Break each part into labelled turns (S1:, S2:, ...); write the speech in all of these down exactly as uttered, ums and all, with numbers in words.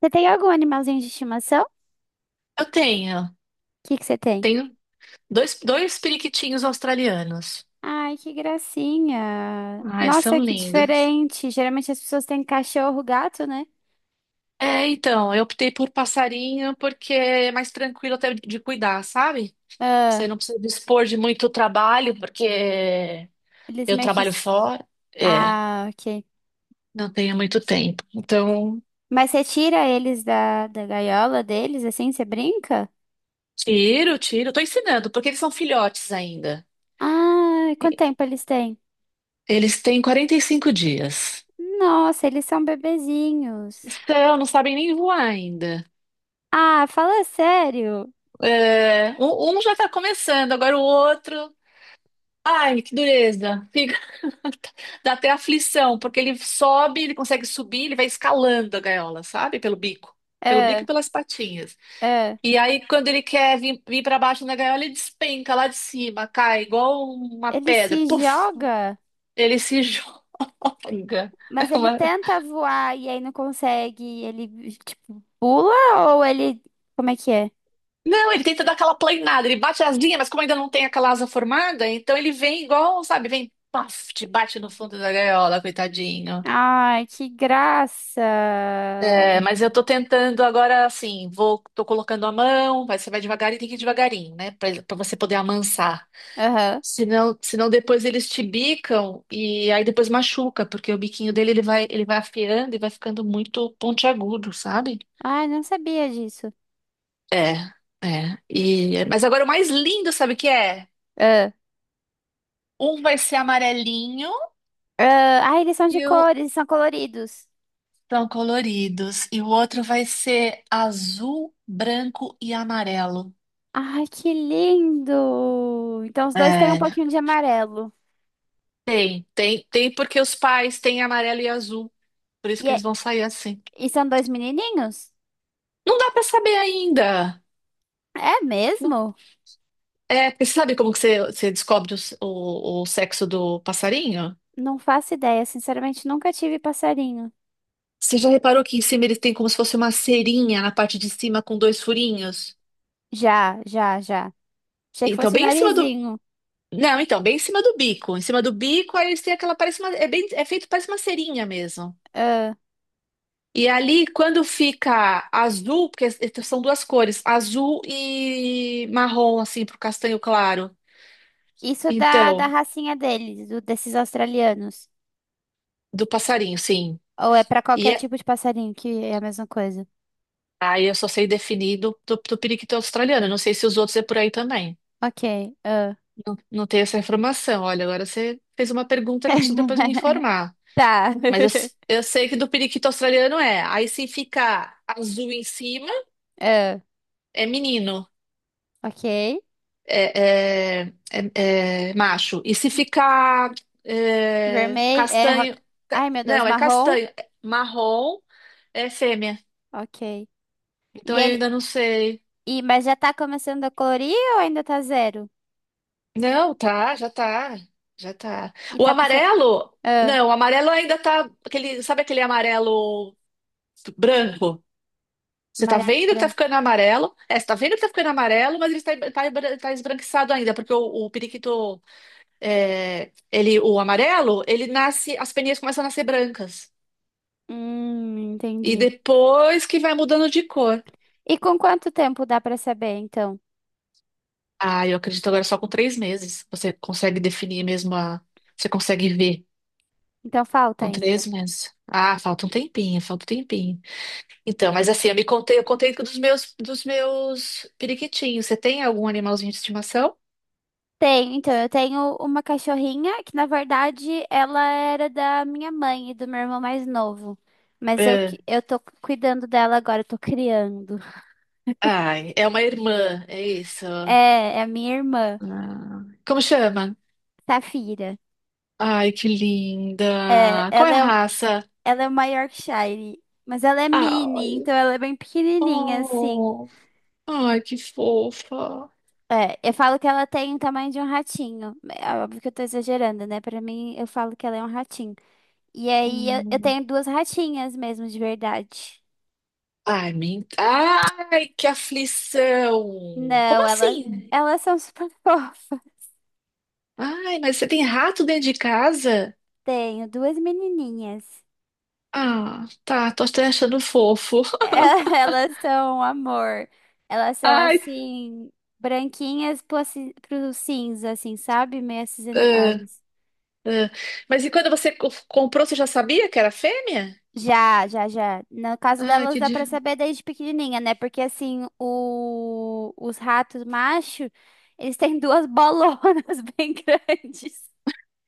S1: Você tem algum animalzinho de estimação? O
S2: Eu tenho.
S1: que que você tem?
S2: Tenho dois, dois periquitinhos australianos.
S1: Ai, que gracinha.
S2: Ai, são
S1: Nossa, que
S2: lindos.
S1: diferente. Geralmente as pessoas têm cachorro, gato, né?
S2: É, então, eu optei por passarinho porque é mais tranquilo até de cuidar, sabe? Você
S1: Ah,
S2: não precisa dispor de muito trabalho, porque
S1: eles
S2: eu
S1: meio que...
S2: trabalho
S1: se-
S2: fora. É,
S1: Ah, ok.
S2: não tenho muito tempo. Então,
S1: Mas você tira eles da, da gaiola deles, assim, você brinca?
S2: tiro, tiro. Tô ensinando, porque eles são filhotes ainda.
S1: Ah, quanto tempo eles têm?
S2: Eles têm quarenta e cinco dias.
S1: Nossa, eles são bebezinhos.
S2: Então, não sabem nem voar ainda.
S1: Ah, fala sério.
S2: É, um, um já tá começando, agora o outro. Ai, que dureza. Fica... Dá até aflição, porque ele sobe, ele consegue subir, ele vai escalando a gaiola, sabe? Pelo bico. Pelo bico
S1: Ah,
S2: e pelas patinhas.
S1: ah.
S2: E aí, quando ele quer vir, vir para baixo na gaiola, ele despenca lá de cima, cai igual uma
S1: Ele
S2: pedra.
S1: se
S2: Puf!
S1: joga?
S2: Ele se joga.
S1: Mas
S2: É
S1: ele
S2: uma-
S1: tenta voar e aí não consegue, e ele tipo pula ou ele como é que é?
S2: Não, ele tenta dar aquela planeada, ele bate as linhas, mas como ainda não tem aquela asa formada, então ele vem igual, sabe? Vem, paf, te bate no fundo da gaiola, coitadinho.
S1: Ai, que graça.
S2: É, mas eu tô tentando agora, assim, vou, tô colocando a mão, mas você vai devagar e tem que ir devagarinho, né? Pra, pra você poder amansar.
S1: Aham.
S2: Senão, senão depois eles te bicam e aí depois machuca, porque o biquinho dele ele vai, ele vai afiando e vai ficando muito pontiagudo, sabe?
S1: Ai, não sabia disso.
S2: É, é. E, mas agora o mais lindo, sabe o que é?
S1: Ah,
S2: Um vai ser amarelinho
S1: ah, ai, eles são de
S2: e o
S1: cores, eles são coloridos.
S2: são coloridos, e o outro vai ser azul, branco e amarelo.
S1: Ai, que lindo. Então os dois têm um
S2: É.
S1: pouquinho de amarelo.
S2: Tem, tem, tem, porque os pais têm amarelo e azul, por isso
S1: E,
S2: que eles
S1: é-
S2: vão sair assim.
S1: e são dois menininhos?
S2: Não dá pra saber ainda.
S1: É
S2: Não-
S1: mesmo?
S2: É, porque você sabe como que você, você descobre o, s- o, o sexo do passarinho?
S1: Não faço ideia, sinceramente nunca tive passarinho.
S2: Você já reparou que em cima eles têm como se fosse uma cerinha na parte de cima com dois furinhos?
S1: Já, já, já. Achei que
S2: Então,
S1: fosse o
S2: bem em cima do.
S1: narizinho.
S2: Não, então, bem em cima do bico. Em cima do bico, aí eles têm aquela. Parece uma, é, bem, é feito, parece uma cerinha mesmo. E ali, quando fica azul, porque são duas cores, azul e marrom, assim, pro castanho claro.
S1: Isso da, da
S2: Então,
S1: racinha deles, do- desses australianos.
S2: do passarinho, sim.
S1: Ou é pra
S2: E
S1: qualquer
S2: é-
S1: tipo de passarinho que é a mesma coisa?
S2: aí eu só sei definir do, do, do periquito australiano. Eu não sei se os outros é por aí também.
S1: Ok, ah.
S2: Não, não tenho essa informação. Olha, agora você fez uma pergunta que eu preciso depois me informar.
S1: Tá.
S2: Mas eu, s- eu sei que do periquito australiano é. Aí se fica azul em cima,
S1: Ah,
S2: é menino.
S1: ok.
S2: É, é, é, é, macho. E se ficar é,
S1: Vermelho. É, ro-
S2: castanho, ca-
S1: Ai, meu Deus,
S2: não, é
S1: marrom.
S2: castanho, é marrom, é fêmea.
S1: Ok.
S2: Então
S1: E
S2: eu
S1: ele.
S2: ainda não sei.
S1: E, mas já tá começando a colorir ou ainda tá zero?
S2: Não, tá, já tá, já tá.
S1: E
S2: O
S1: tá puxando.
S2: amarelo,
S1: Ah,
S2: não, o amarelo ainda tá, aquele, sabe aquele amarelo branco? Você tá
S1: amarelo,
S2: vendo que tá
S1: branco.
S2: ficando amarelo? É, você tá vendo que tá ficando amarelo, mas ele tá, tá, tá esbranquiçado ainda, porque o, o periquito é, ele, o amarelo, ele nasce, as peninhas começam a nascer brancas.
S1: Hum,
S2: E
S1: entendi.
S2: depois que vai mudando de cor.
S1: E com quanto tempo dá pra saber, então?
S2: Ah, eu acredito agora só com três meses. Você consegue definir mesmo a. Você consegue ver.
S1: Então falta
S2: Com
S1: ainda.
S2: três meses. Ah, falta um tempinho, falta um tempinho. Então, mas assim, eu me contei, eu contei dos meus, dos meus periquitinhos. Você tem algum animalzinho de estimação?
S1: Tenho, então, eu tenho uma cachorrinha que, na verdade, ela era da minha mãe e do meu irmão mais novo. Mas eu, que-
S2: É.
S1: eu tô cuidando dela agora, eu tô criando.
S2: Ai, é uma irmã, é isso.
S1: É, é a minha irmã,
S2: Ah, como chama?
S1: Safira.
S2: Ai, que
S1: É,
S2: linda. Qual é
S1: ela
S2: a
S1: é,
S2: raça?
S1: ela é uma Yorkshire, mas ela é mini,
S2: Ai,
S1: então ela é bem pequenininha, assim.
S2: oh, ai, que fofa.
S1: É, eu falo que ela tem o tamanho de um ratinho. É é óbvio que eu tô exagerando, né? Pra mim, eu falo que ela é um ratinho. E aí, eu, eu
S2: Hum.
S1: tenho duas ratinhas mesmo, de verdade.
S2: Ai, men... ai, que aflição. Como
S1: Não, ela,
S2: assim?
S1: Elas são super fofas.
S2: Ai, mas você tem rato dentro de casa?
S1: Tenho duas menininhas.
S2: Ah, tá, tô até achando fofo.
S1: É, elas são um amor. Elas são
S2: Ai,
S1: assim, branquinhas pro, aci- pro cinza, assim, sabe? Meio
S2: ah,
S1: acinzentadas.
S2: ah. Mas e quando você co- comprou, você já sabia que era fêmea?
S1: Já, já, já. No caso
S2: Ai,
S1: delas,
S2: que
S1: dá pra
S2: dif...
S1: saber desde pequenininha, né? Porque assim, o, os ratos macho, eles têm duas bolonas bem grandes.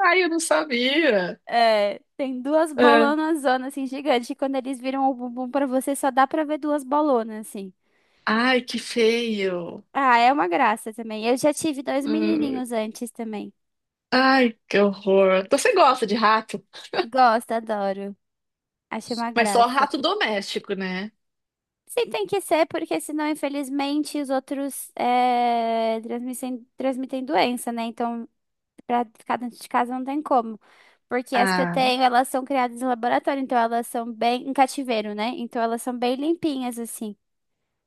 S2: Ai, eu não sabia.
S1: É, tem duas
S2: Ah.
S1: bolonas zona assim gigantes e quando eles viram o bumbum pra você só dá pra ver duas bolonas assim.
S2: Ai, que feio.
S1: Ah, é uma graça também. Eu já tive dois
S2: Hum.
S1: menininhos antes também.
S2: Ai, que horror. Você gosta de rato?
S1: Gosto, adoro. Acho uma
S2: Mas só
S1: graça.
S2: rato doméstico, né?
S1: Sim, tem que ser, porque senão, infelizmente, os outros é, transmitem, transmitem doença, né? Então, pra ficar dentro de casa não tem como. Porque as que eu
S2: Ah,
S1: tenho, elas são criadas em laboratório, então elas são bem em cativeiro, né? Então elas são bem limpinhas, assim.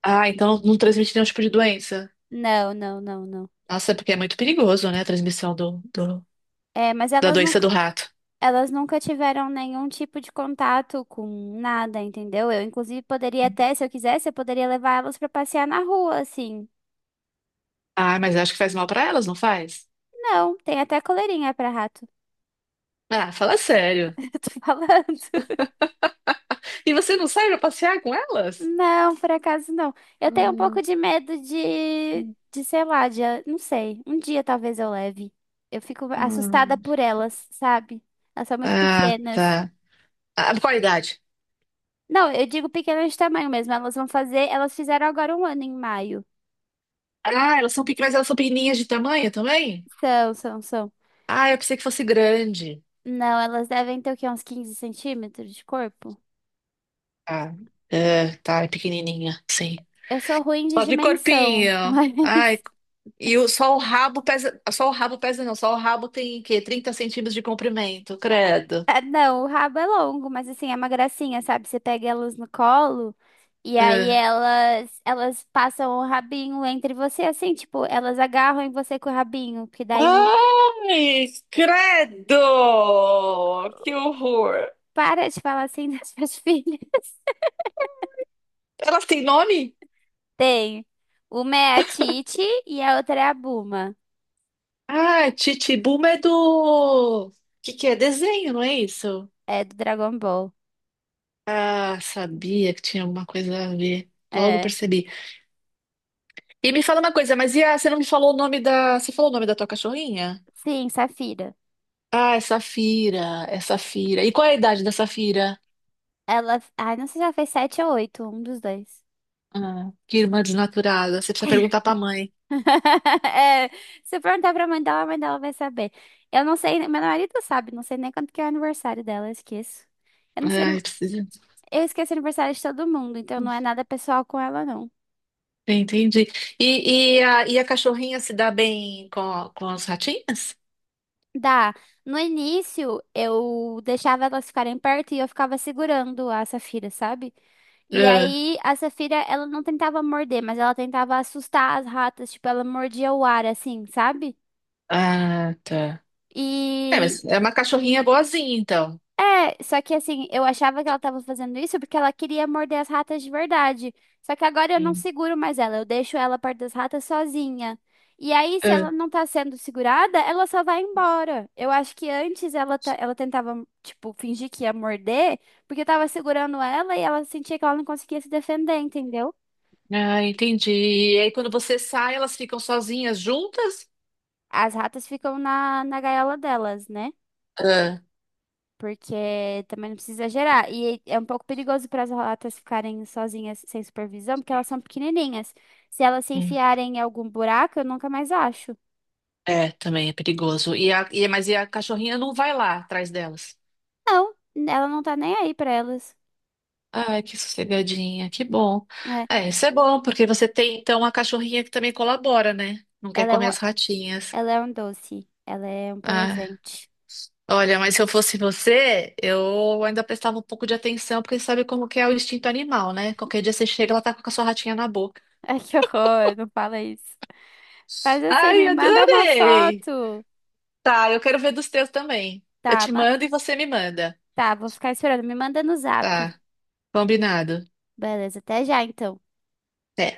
S2: ah, então não transmite nenhum tipo de doença.
S1: Não, não, não, não.
S2: Nossa, é porque é muito perigoso, né? A transmissão do, do-
S1: É, mas
S2: da
S1: elas
S2: doença
S1: nunca,
S2: do rato.
S1: elas nunca tiveram nenhum tipo de contato com nada, entendeu? Eu, inclusive, poderia até, se eu quisesse, eu poderia levar elas pra passear na rua, assim.
S2: Ah, mas eu acho que faz mal pra elas, não faz?
S1: Não, tem até coleirinha pra rato.
S2: Ah, fala sério.
S1: Eu tô falando.
S2: E você não sai pra passear com elas?
S1: Não, por acaso não. Eu tenho um pouco
S2: Hum,
S1: de medo de,
S2: hum,
S1: de, sei lá, de, não sei. Um dia talvez eu leve. Eu fico assustada
S2: hum.
S1: por elas, sabe? Elas são muito
S2: Ah,
S1: pequenas.
S2: tá. Ah, qual a idade?
S1: Não, eu digo pequenas de tamanho mesmo. Elas vão fazer, elas fizeram agora um ano em maio.
S2: Ah, elas são pequenas, mas elas são pequenininhas de tamanho também?
S1: São, são, são.
S2: Ah, eu pensei que fosse grande.
S1: Não, elas devem ter o quê? Uns quinze centímetros de corpo?
S2: Ah, é, tá, é pequenininha, sim.
S1: Eu sou ruim de
S2: Só de
S1: dimensão,
S2: corpinho.
S1: mas.
S2: Ai, e o, só o rabo pesa. Só o rabo pesa, não. Só o rabo tem o quê? trinta centímetros de comprimento, credo.
S1: Ah, não, o rabo é longo, mas assim, é uma gracinha, sabe? Você pega elas no colo e aí
S2: É.
S1: elas, elas passam o rabinho entre você, assim, tipo, elas agarram em você com o rabinho, porque daí
S2: Ai, credo! Que horror!
S1: para de falar assim das suas filhas.
S2: Elas têm nome?
S1: Tem. Uma é a Titi e a outra é a Buma.
S2: Ah, Chichibuba é do. Que que é? Desenho, não é isso?
S1: É do Dragon Ball.
S2: Ah, sabia que tinha alguma coisa a ver. Logo
S1: É.
S2: percebi. E me fala uma coisa, mas e a, você não me falou o nome da. Você falou o nome da tua cachorrinha?
S1: Sim, Safira.
S2: Ah, é Safira. É Safira. E qual é a idade da Safira?
S1: Ela. Ai, não sei se ela fez sete ou oito, um dos dois.
S2: Ah, que irmã desnaturada. Você precisa perguntar pra mãe.
S1: É, se eu perguntar pra mãe dela, a mãe dela vai saber. Eu não sei, meu marido sabe, não sei nem quanto que é o aniversário dela, eu esqueço. Eu não sei,
S2: Ai, precisa.
S1: eu esqueço o aniversário de todo mundo, então não é nada pessoal com ela, não.
S2: Entendi. E, e, a, e a cachorrinha se dá bem com, a- com as ratinhas?
S1: Dá. No início, eu deixava elas ficarem perto e eu ficava segurando a Safira, sabe? E
S2: Ah,
S1: aí, a Safira, ela não tentava morder, mas ela tentava assustar as ratas, tipo, ela mordia o ar, assim, sabe?
S2: ah, tá. É,
S1: E
S2: mas é uma cachorrinha boazinha, então.
S1: é, só que assim, eu achava que ela tava fazendo isso porque ela queria morder as ratas de verdade. Só que agora eu não
S2: Hum.
S1: seguro mais ela, eu deixo ela perto das ratas sozinha. E aí, se ela
S2: Ah,
S1: não tá sendo segurada, ela só vai embora. Eu acho que antes ela, ta- ela tentava, tipo, fingir que ia morder, porque eu tava segurando ela e ela sentia que ela não conseguia se defender, entendeu?
S2: ah, entendi. E aí, quando você sai, elas ficam sozinhas juntas?
S1: As ratas ficam na, na gaiola delas, né?
S2: Ah,
S1: Porque também não precisa exagerar. E é um pouco perigoso para as ratas ficarem sozinhas sem supervisão, porque elas são pequenininhas. Se elas se
S2: hum.
S1: enfiarem em algum buraco, eu nunca mais acho.
S2: É, também é perigoso. E a, e, mas e a cachorrinha não vai lá atrás delas?
S1: Não, ela não tá nem aí para elas.
S2: Ai, que sossegadinha, que bom.
S1: É,
S2: É, isso é bom, porque você tem então uma cachorrinha que também colabora, né? Não quer
S1: ela é
S2: comer
S1: um,
S2: as ratinhas.
S1: ela é um doce. Ela é um
S2: Ah,
S1: presente.
S2: olha, mas se eu fosse você, eu ainda prestava um pouco de atenção, porque sabe como que é o instinto animal, né? Qualquer dia você chega, ela tá com a sua ratinha na boca.
S1: Ai, que horror, não fala isso. Faz assim,
S2: Ai,
S1: me manda uma
S2: adorei!
S1: foto.
S2: Tá, eu quero ver dos teus também. Eu
S1: Tá,
S2: te
S1: ma-
S2: mando e você me manda.
S1: tá, vou ficar esperando. Me manda no zap.
S2: Tá, combinado.
S1: Beleza, até já então.
S2: Até.